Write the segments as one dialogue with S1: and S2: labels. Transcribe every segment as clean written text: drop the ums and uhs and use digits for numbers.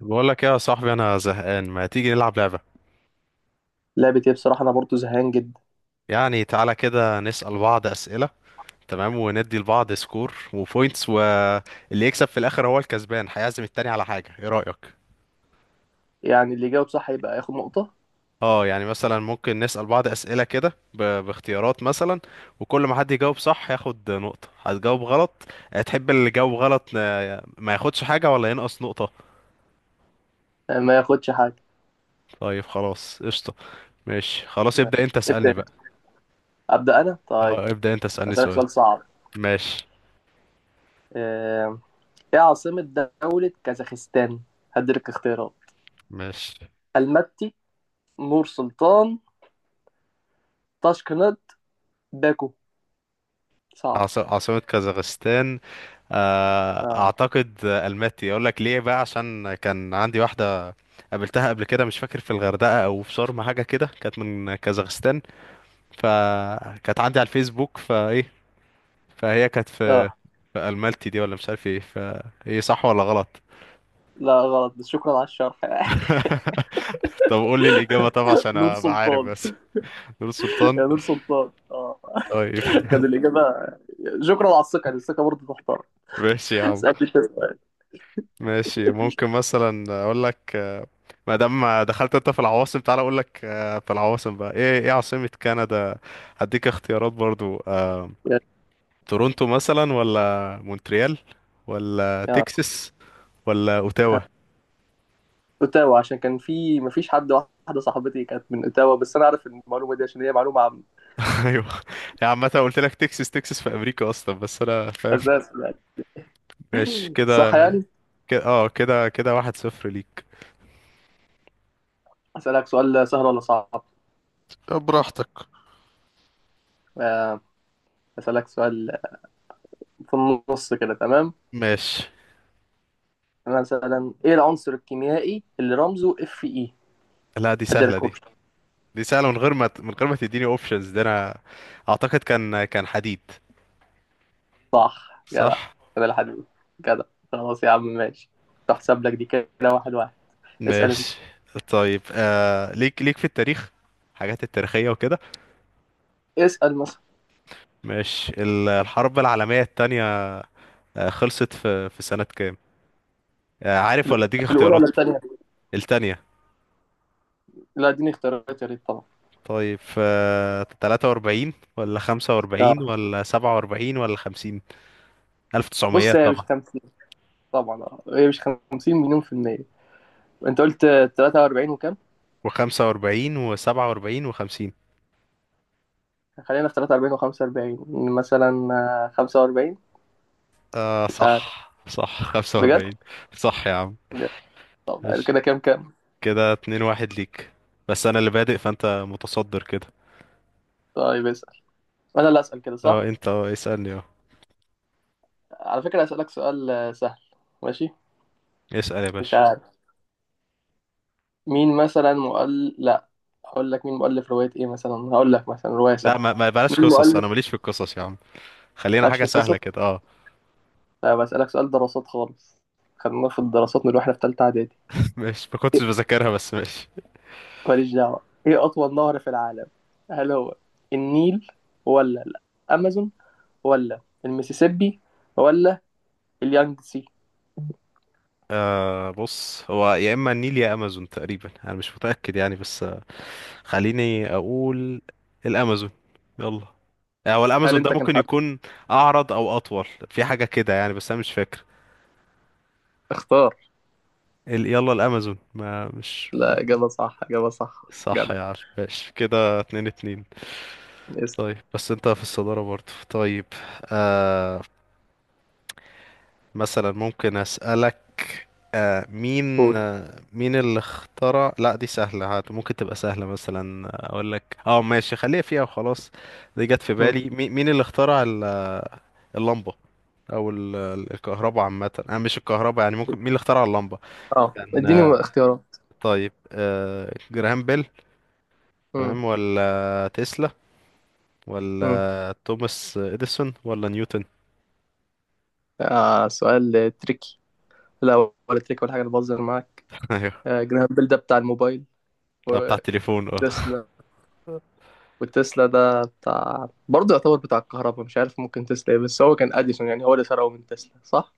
S1: بقول لك يا صاحبي انا زهقان، ما تيجي نلعب لعبة؟
S2: لعبة ايه؟ بصراحة أنا برضو زهقان جدا.
S1: يعني تعالى كده نسأل بعض أسئلة. تمام، وندي لبعض سكور وبوينتس، واللي يكسب في الاخر هو الكسبان هيعزم التاني على حاجة. ايه رأيك؟
S2: يعني اللي يجاوب صح يبقى ياخد نقطة.
S1: اه، يعني مثلا ممكن نسأل بعض أسئلة كده باختيارات مثلا، وكل ما حد يجاوب صح ياخد نقطة. هتجاوب غلط؟ تحب اللي جاوب غلط ما ياخدش حاجة، ولا ينقص نقطة؟
S2: ما ياخدش حاجة.
S1: طيب خلاص قشطة. ماشي خلاص، ابدأ انت اسألني
S2: ابدأ.
S1: بقى.
S2: أبدأ أنا؟ طيب.
S1: اه ابدأ، انت اسألني
S2: أسألك
S1: سؤال.
S2: سؤال صعب.
S1: ماشي.
S2: آه، إيه عاصمة دولة كازاخستان؟ هديلك اختيارات:
S1: ماشي.
S2: المتي، نور سلطان، طاشكند، باكو. صعب
S1: عاصمة كازاخستان؟
S2: آه.
S1: أعتقد ألماتي. أقول لك ليه بقى، عشان كان عندي واحدة قابلتها قبل كده، مش فاكر في الغردقة أو في شرم، حاجة كده، كانت من كازاخستان. فكانت عندي على الفيسبوك، فإيه، فهي كانت في
S2: آه،
S1: في ألمالتي دي، ولا مش عارف إيه. فإيه، صح ولا غلط؟
S2: لا غلط، بس شكرا على الشرح.
S1: طب قول لي الإجابة طبعا عشان
S2: نور
S1: أبقى عارف
S2: سلطان،
S1: بس. نور السلطان.
S2: يا نور سلطان آه.
S1: طيب.
S2: كان الإجابة. شكرا على الثقة، يعني الثقة برضه تحترم.
S1: ماشي يا عم.
S2: اسألني أنت سؤال.
S1: ماشي ممكن مثلا اقول لك ما دام دخلت انت في العواصم، تعالى اقول لك في العواصم بقى. ايه ايه عاصمة كندا؟ هديك اختيارات برضو.
S2: يلا.
S1: تورونتو مثلا، ولا مونتريال، ولا
S2: آه.
S1: تكساس، ولا اوتاوا؟
S2: اوتاوا، عشان كان في مفيش حد، واحده صاحبتي كانت من اوتاوا، بس انا عارف المعلومه دي عشان هي معلومه عن.
S1: ايوه، يعني عامة قلت لك تكساس، تكساس في امريكا اصلا، بس انا فاهم.
S2: اساس يعني.
S1: ماشي كده.
S2: صح يعني.
S1: كده اه كده كده، واحد صفر ليك.
S2: اسالك سؤال سهل ولا صعب؟
S1: طب براحتك.
S2: آه، اسالك سؤال في النص كده، تمام؟
S1: ماشي،
S2: مثلا ايه العنصر الكيميائي اللي رمزه اف اي؟
S1: لا دي سهلة
S2: اديلك
S1: دي.
S2: اوبشن.
S1: دي سهلة من غير ما من غير ما تديني اوبشنز، ده انا اعتقد كان حديد.
S2: صح جدع،
S1: صح.
S2: كده الحديد. جدع. خلاص يا عم ماشي. تحسب لك دي كده. واحد واحد. اسال انت.
S1: ماشي. طيب آه ليك في التاريخ، حاجات التاريخية وكده.
S2: اسال مثلا.
S1: ماشي، الحرب العالمية التانية، خلصت في سنة كام؟ آه عارف
S2: ال-
S1: ولا اديك
S2: الاولى ولا
S1: اختيارات؟
S2: الثانيه؟
S1: التانية.
S2: لا اديني اختيارات يا ريت طبعا.
S1: طيب آه 43 ولا 45
S2: اه
S1: ولا 47 ولا 50؟ 1900
S2: بص، هي مش
S1: طبعا.
S2: خمسة، طبعا. اه هي مش 50 مليون في المية. انت قلت 43 وكام؟
S1: و45 و47 و50.
S2: خلينا في 43 و45 مثلا. 45.
S1: آه
S2: مش عارف
S1: صح صح.
S2: بجد.
S1: 45. صح يا عم،
S2: طب
S1: ماشي
S2: كده كام كام؟
S1: كده 2 1 ليك. بس انا اللي بادئ فانت متصدر كده.
S2: طيب اسأل. انا اللي اسأل كده،
S1: اه
S2: صح؟
S1: انت اه اسألني اه.
S2: على فكرة، اسألك سؤال سهل. ماشي.
S1: اسأل يا
S2: مش
S1: باشا.
S2: عارف. مين مثلا لا، هقول لك. مين مؤلف رواية ايه مثلا؟ هقول لك مثلا رواية
S1: لا
S2: سهلة.
S1: ما بلاش
S2: مين
S1: قصص،
S2: مؤلف؟
S1: انا ماليش في القصص يا عم. خلينا
S2: مالكش
S1: حاجة
S2: في
S1: سهلة
S2: القصة؟
S1: كده اه.
S2: لا، بسألك سؤال دراسات خالص. خدناه في الدراسات من واحنا في تالتة اعدادي.
S1: مش ما كنتش بذاكرها بس ماشي.
S2: ماليش دعوة. إيه أطول نهر في العالم؟ هل هو النيل، ولا الأمازون، ولا المسيسيبي، ولا اليانجسي؟
S1: آه بص، هو يا اما النيل يا امازون تقريبا، انا مش متأكد يعني بس آه، خليني اقول الامازون. يلا، هو
S2: هل
S1: الامازون ده
S2: أنت كان
S1: ممكن
S2: حد
S1: يكون اعرض او اطول في حاجة كده يعني، بس انا مش فاكر.
S2: اختار؟
S1: يلا الامازون، ما.
S2: لا إجابة صح، إجابة صح
S1: صح
S2: جدع.
S1: يا عم، ماشي كده اتنين اتنين. طيب
S2: اسأل.
S1: بس انت في الصدارة برضه. طيب آه، مثلا ممكن أسألك مين
S2: قول.
S1: مين اللي اخترع، لا دي سهلة، هات ممكن تبقى سهلة مثلا. أقول لك اه، ماشي خليها فيها وخلاص. دي جت في
S2: مم.
S1: بالي، مين اللي اخترع اللمبة؟ أو الكهرباء عامة، أنا مش الكهرباء يعني، ممكن مين اللي اخترع اللمبة؟
S2: أه
S1: كان
S2: إديني اختيارات.
S1: طيب جراهام بيل،
S2: مم.
S1: تمام، ولا تسلا،
S2: مم.
S1: ولا توماس إديسون، ولا نيوتن؟
S2: آه سؤال تريكي. لا ولا تريكي ولا حاجة، أنا بهزر معاك.
S1: أيوه.
S2: آه جرام بيل ده بتاع الموبايل.
S1: بتاع التليفون اه.
S2: وتسلا. وتسلا ده بتاع برضه، يعتبر بتاع الكهرباء، مش عارف، ممكن تسلا إيه، بس هو كان أديسون، يعني هو اللي سرقه من تسلا صح؟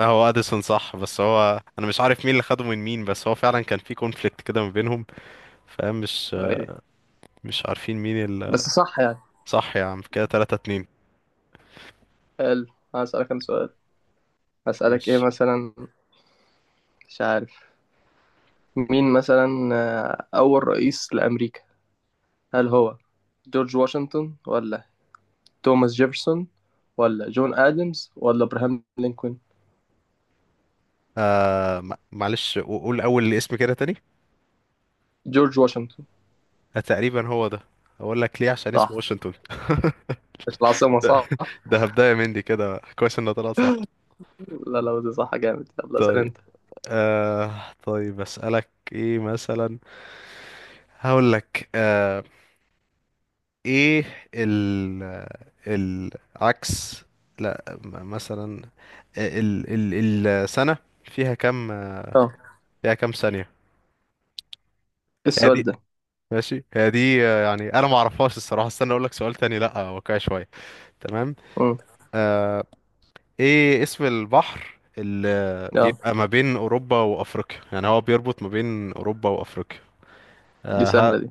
S1: هو اديسون صح، بس هو انا مش عارف مين اللي خده من مين، بس هو فعلا كان في كونفليكت كده ما بينهم. فمش
S2: ايه.
S1: مش عارفين مين اللي.
S2: بس صح يعني.
S1: صح يا عم، كده 3 2.
S2: حلو. هسألك انا سؤال. هسألك ايه
S1: ماشي
S2: مثلا؟ مش عارف. مين مثلا، اول رئيس لامريكا؟ هل هو جورج واشنطن، ولا توماس جيفرسون، ولا جون ادمز، ولا ابراهام لينكولن؟
S1: آه معلش قول اول اسم كده تاني.
S2: جورج واشنطن.
S1: تقريبا هو ده. اقول لك ليه، عشان اسمه
S2: صح.
S1: واشنطن.
S2: مش العاصمة
S1: ده
S2: صح؟
S1: ده هبداية مندي كده كويس انه طلع صح.
S2: لا لا دي صح جامد. يلا اسأل
S1: طيب
S2: انت.
S1: آه، طيب اسالك ايه مثلا؟ هقول لك ايه ال العكس، لا مثلا ال ال السنة فيها كام،
S2: اه.
S1: فيها كام ثانية؟
S2: إيه
S1: هي
S2: السؤال
S1: دي.
S2: ده؟
S1: ماشي هي دي يعني انا ما اعرفهاش الصراحة، استنى اقول لك سؤال تاني، لا واقعي شوية. تمام.
S2: امم.
S1: آه، ايه اسم البحر اللي
S2: اه
S1: بيبقى ما بين اوروبا وافريقيا، يعني هو بيربط ما بين اوروبا وافريقيا؟
S2: دي
S1: آه ها.
S2: سهلة دي.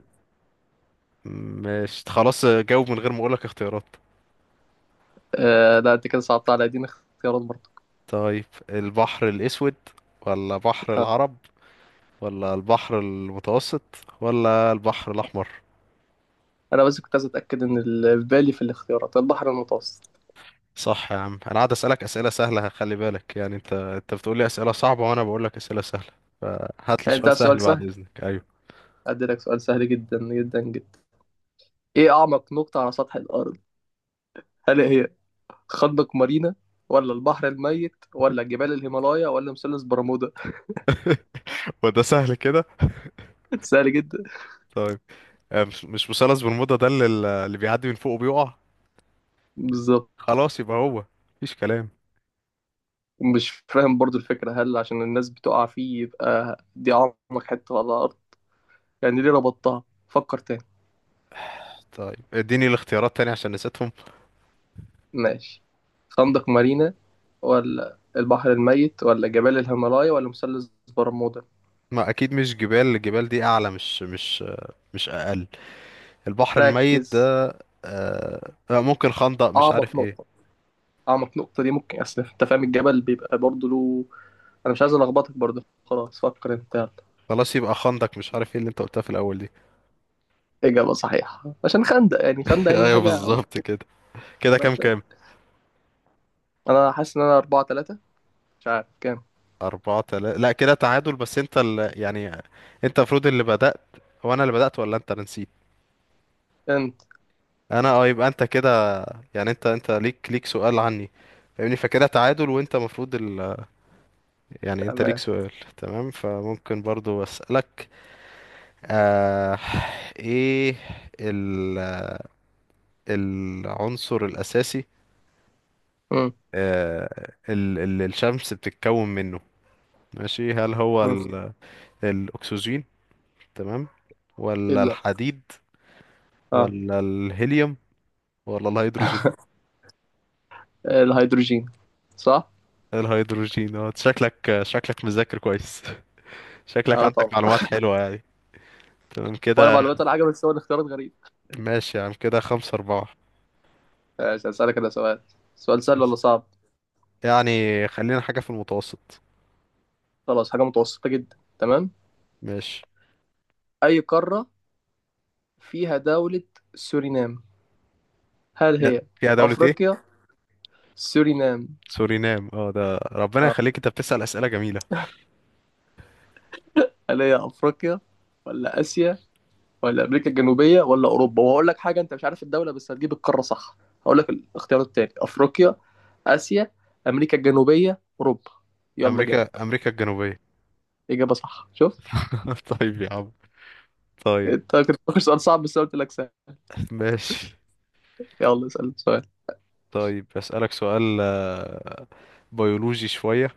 S1: مش خلاص جاوب من غير ما اقول لك اختيارات.
S2: آه لا انت كده صعبت على دي، اختيارات برضه.
S1: طيب، البحر الاسود، ولا بحر العرب، ولا البحر المتوسط، ولا البحر الأحمر؟
S2: انا بس كنت عايز اتاكد ان في بالي في الاختيارات البحر المتوسط.
S1: صح يا عم. انا قاعد اسالك اسئله سهله، خلي بالك يعني، انت انت بتقول لي اسئله صعبه وانا بقول لك اسئله سهله، فهات لي
S2: يعني انت
S1: سؤال
S2: عايز
S1: سهل
S2: سؤال
S1: بعد
S2: سهل؟
S1: اذنك. ايوه.
S2: أديلك سؤال سهل جدا جدا جدا. إيه أعمق نقطة على سطح الأرض؟ هل هي خندق مارينا، ولا البحر الميت، ولا جبال الهيمالايا، ولا مثلث برمودا؟
S1: وده سهل كده؟
S2: سهل جدا.
S1: طيب، مش مش مثلث برمودا ده اللي اللي بيعدي من فوقه بيقع؟
S2: بالظبط.
S1: خلاص يبقى هو، مفيش كلام.
S2: مش فاهم برضو الفكرة، هل عشان الناس بتقع فيه يبقى دي أعمق حتة على الأرض؟ يعني ليه ربطتها؟ فكر تاني.
S1: طيب اديني الاختيارات تاني عشان نسيتهم.
S2: ماشي، خندق مارينا، ولا البحر الميت، ولا جبال الهيمالايا، ولا مثلث برمودا؟
S1: ما اكيد مش جبال، الجبال دي اعلى مش مش مش اقل. البحر الميت
S2: ركز،
S1: ده ممكن خندق مش عارف
S2: أعمق
S1: ايه.
S2: نقطة. اعمق نقطه دي ممكن، اصل انت فاهم الجبل بيبقى برضه له. انا مش عايز الخبطك برضه، خلاص فكر انت يلا.
S1: خلاص يبقى خندق مش عارف ايه اللي انت قلتها في الاول دي.
S2: اجابه صحيحه، عشان خندق يعني، خندق يعني
S1: ايوه
S2: حاجه.
S1: بالظبط كده. كده كام كام؟
S2: انا حاسس ان انا أربعة تلاتة، مش عارف كام.
S1: أربعة تلاتة لا كده تعادل، بس انت اللي يعني، انت المفروض اللي بدأت. هو انا اللي بدأت ولا انت؟ انا نسيت.
S2: انت.
S1: انا اه، يبقى انت كده يعني، انت انت ليك سؤال عني فاهمني، فكده تعادل، وانت المفروض يعني انت ليك
S2: تمام.
S1: سؤال. تمام. فممكن برضو أسألك آه... ايه ال... العنصر الأساسي
S2: امم.
S1: الشمس بتتكون منه؟ ماشي هل هو
S2: امم.
S1: الاكسجين، تمام،
S2: ايه
S1: ولا
S2: لا.
S1: الحديد،
S2: اه.
S1: ولا الهيليوم، ولا الهيدروجين؟
S2: الهيدروجين. صح.
S1: الهيدروجين اه. شكلك مذاكر كويس. شكلك
S2: اه
S1: عندك
S2: طبعا.
S1: معلومات حلوة يعني. تمام
S2: وانا
S1: كده.
S2: معلوماتي الحاجه، بس هو الاختيارات غريب.
S1: ماشي يا عم، كده خمسة أربعة.
S2: ماشي هسألك انا سؤال. سؤال سهل
S1: يس،
S2: ولا صعب؟
S1: يعني خلينا حاجة في المتوسط.
S2: خلاص حاجه متوسطه جدا، تمام.
S1: ماشي.
S2: اي قاره فيها دوله سورينام؟ هل
S1: يا
S2: هي
S1: يا دولة ايه؟
S2: افريقيا؟ سورينام
S1: سورينام اه ده، ربنا
S2: اه.
S1: يخليك، انت بتسأل أسئلة جميلة.
S2: هل هي افريقيا، ولا اسيا، ولا امريكا الجنوبيه، ولا اوروبا؟ وهقول لك حاجه، انت مش عارف الدوله بس هتجيب القاره صح. هقول لك الاختيار التاني: افريقيا، اسيا، امريكا الجنوبيه، اوروبا. يلا جاوب.
S1: أمريكا الجنوبية.
S2: اجابه صح، شفت؟
S1: طيب يا عم. طيب.
S2: انت كنت فاكر سؤال صعب بس أنا قلت لك سهل.
S1: ماشي،
S2: يلا اسال سؤال.
S1: طيب أسألك سؤال بيولوجي شوية،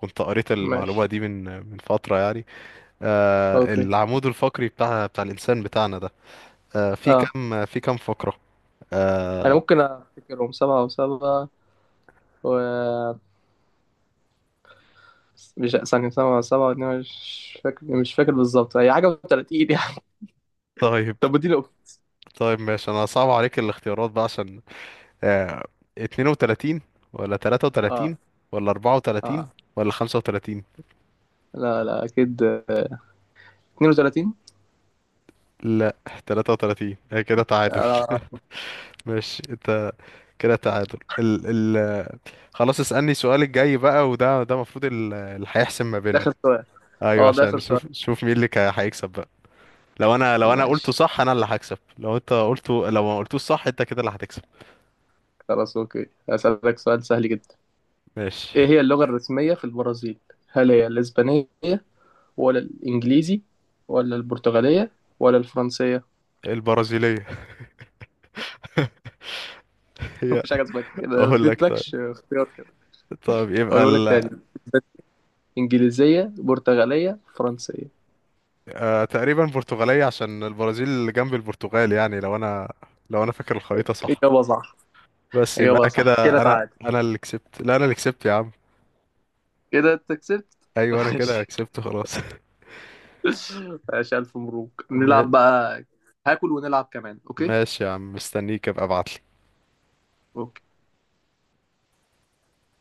S1: كنت قريت المعلومة
S2: ماشي.
S1: دي من فترة يعني.
S2: اوكي.
S1: العمود الفقري بتاع الإنسان بتاعنا ده في
S2: اه
S1: كام في كام فقرة؟
S2: انا ممكن افتكرهم سبعة وسبعة و مش ثانية سبعة وسبعة واتنين، مش فاكر بالظبط، هي حاجة و30 يعني.
S1: طيب.
S2: طب اديني أوبشن.
S1: طيب ماشي، أنا صعب عليك الاختيارات بقى عشان آه، 32 ولا 33
S2: اه.
S1: ولا 34
S2: اه
S1: ولا 35؟
S2: لا لا اكيد. 32.
S1: لا 33. هي كده تعادل.
S2: آه.
S1: ماشي انت، كده تعادل خلاص اسألني السؤال الجاي بقى، وده ده المفروض اللي هيحسم ما
S2: ده
S1: بيننا.
S2: آخر سؤال؟
S1: ايوه
S2: اه ده
S1: عشان
S2: آخر سؤال.
S1: نشوف، نشوف مين اللي هيكسب بقى. لو انا لو انا
S2: ماشي،
S1: قلته صح انا اللي هكسب، لو انت قلته، لو ما قلتوش صح انت كده اللي هتكسب.
S2: خلاص. أوكي هسألك سؤال سهل جدا.
S1: ماشي.
S2: إيه هي اللغة الرسمية في البرازيل؟ هل هي الإسبانية، ولا الإنجليزي، ولا البرتغالية، ولا الفرنسية؟
S1: البرازيلية. هي،
S2: مفيش حاجة اسمها كده، أنا ما
S1: اقول لك طيب.
S2: اديتلكش اختيار كده.
S1: طيب يبقى
S2: أقوله لك تاني: إنجليزية، برتغالية، فرنسية.
S1: آه تقريبا برتغالية، عشان البرازيل اللي جنب البرتغال يعني، لو انا لو انا فاكر الخريطة صح.
S2: إجابة صح.
S1: بس يبقى انا
S2: إجابة صح، كده
S1: كده، انا
S2: تعادل.
S1: انا اللي كسبت، لا انا اللي كسبت يا عم.
S2: كده أنت كسبت.
S1: ايوه انا كده
S2: ماشي.
S1: كسبت خلاص.
S2: ماشي ألف مبروك. نلعب
S1: ما-
S2: بقى؟ هاكل ونلعب كمان، أوكي؟
S1: ماشي يا عم، مستنيك ابقى ابعت.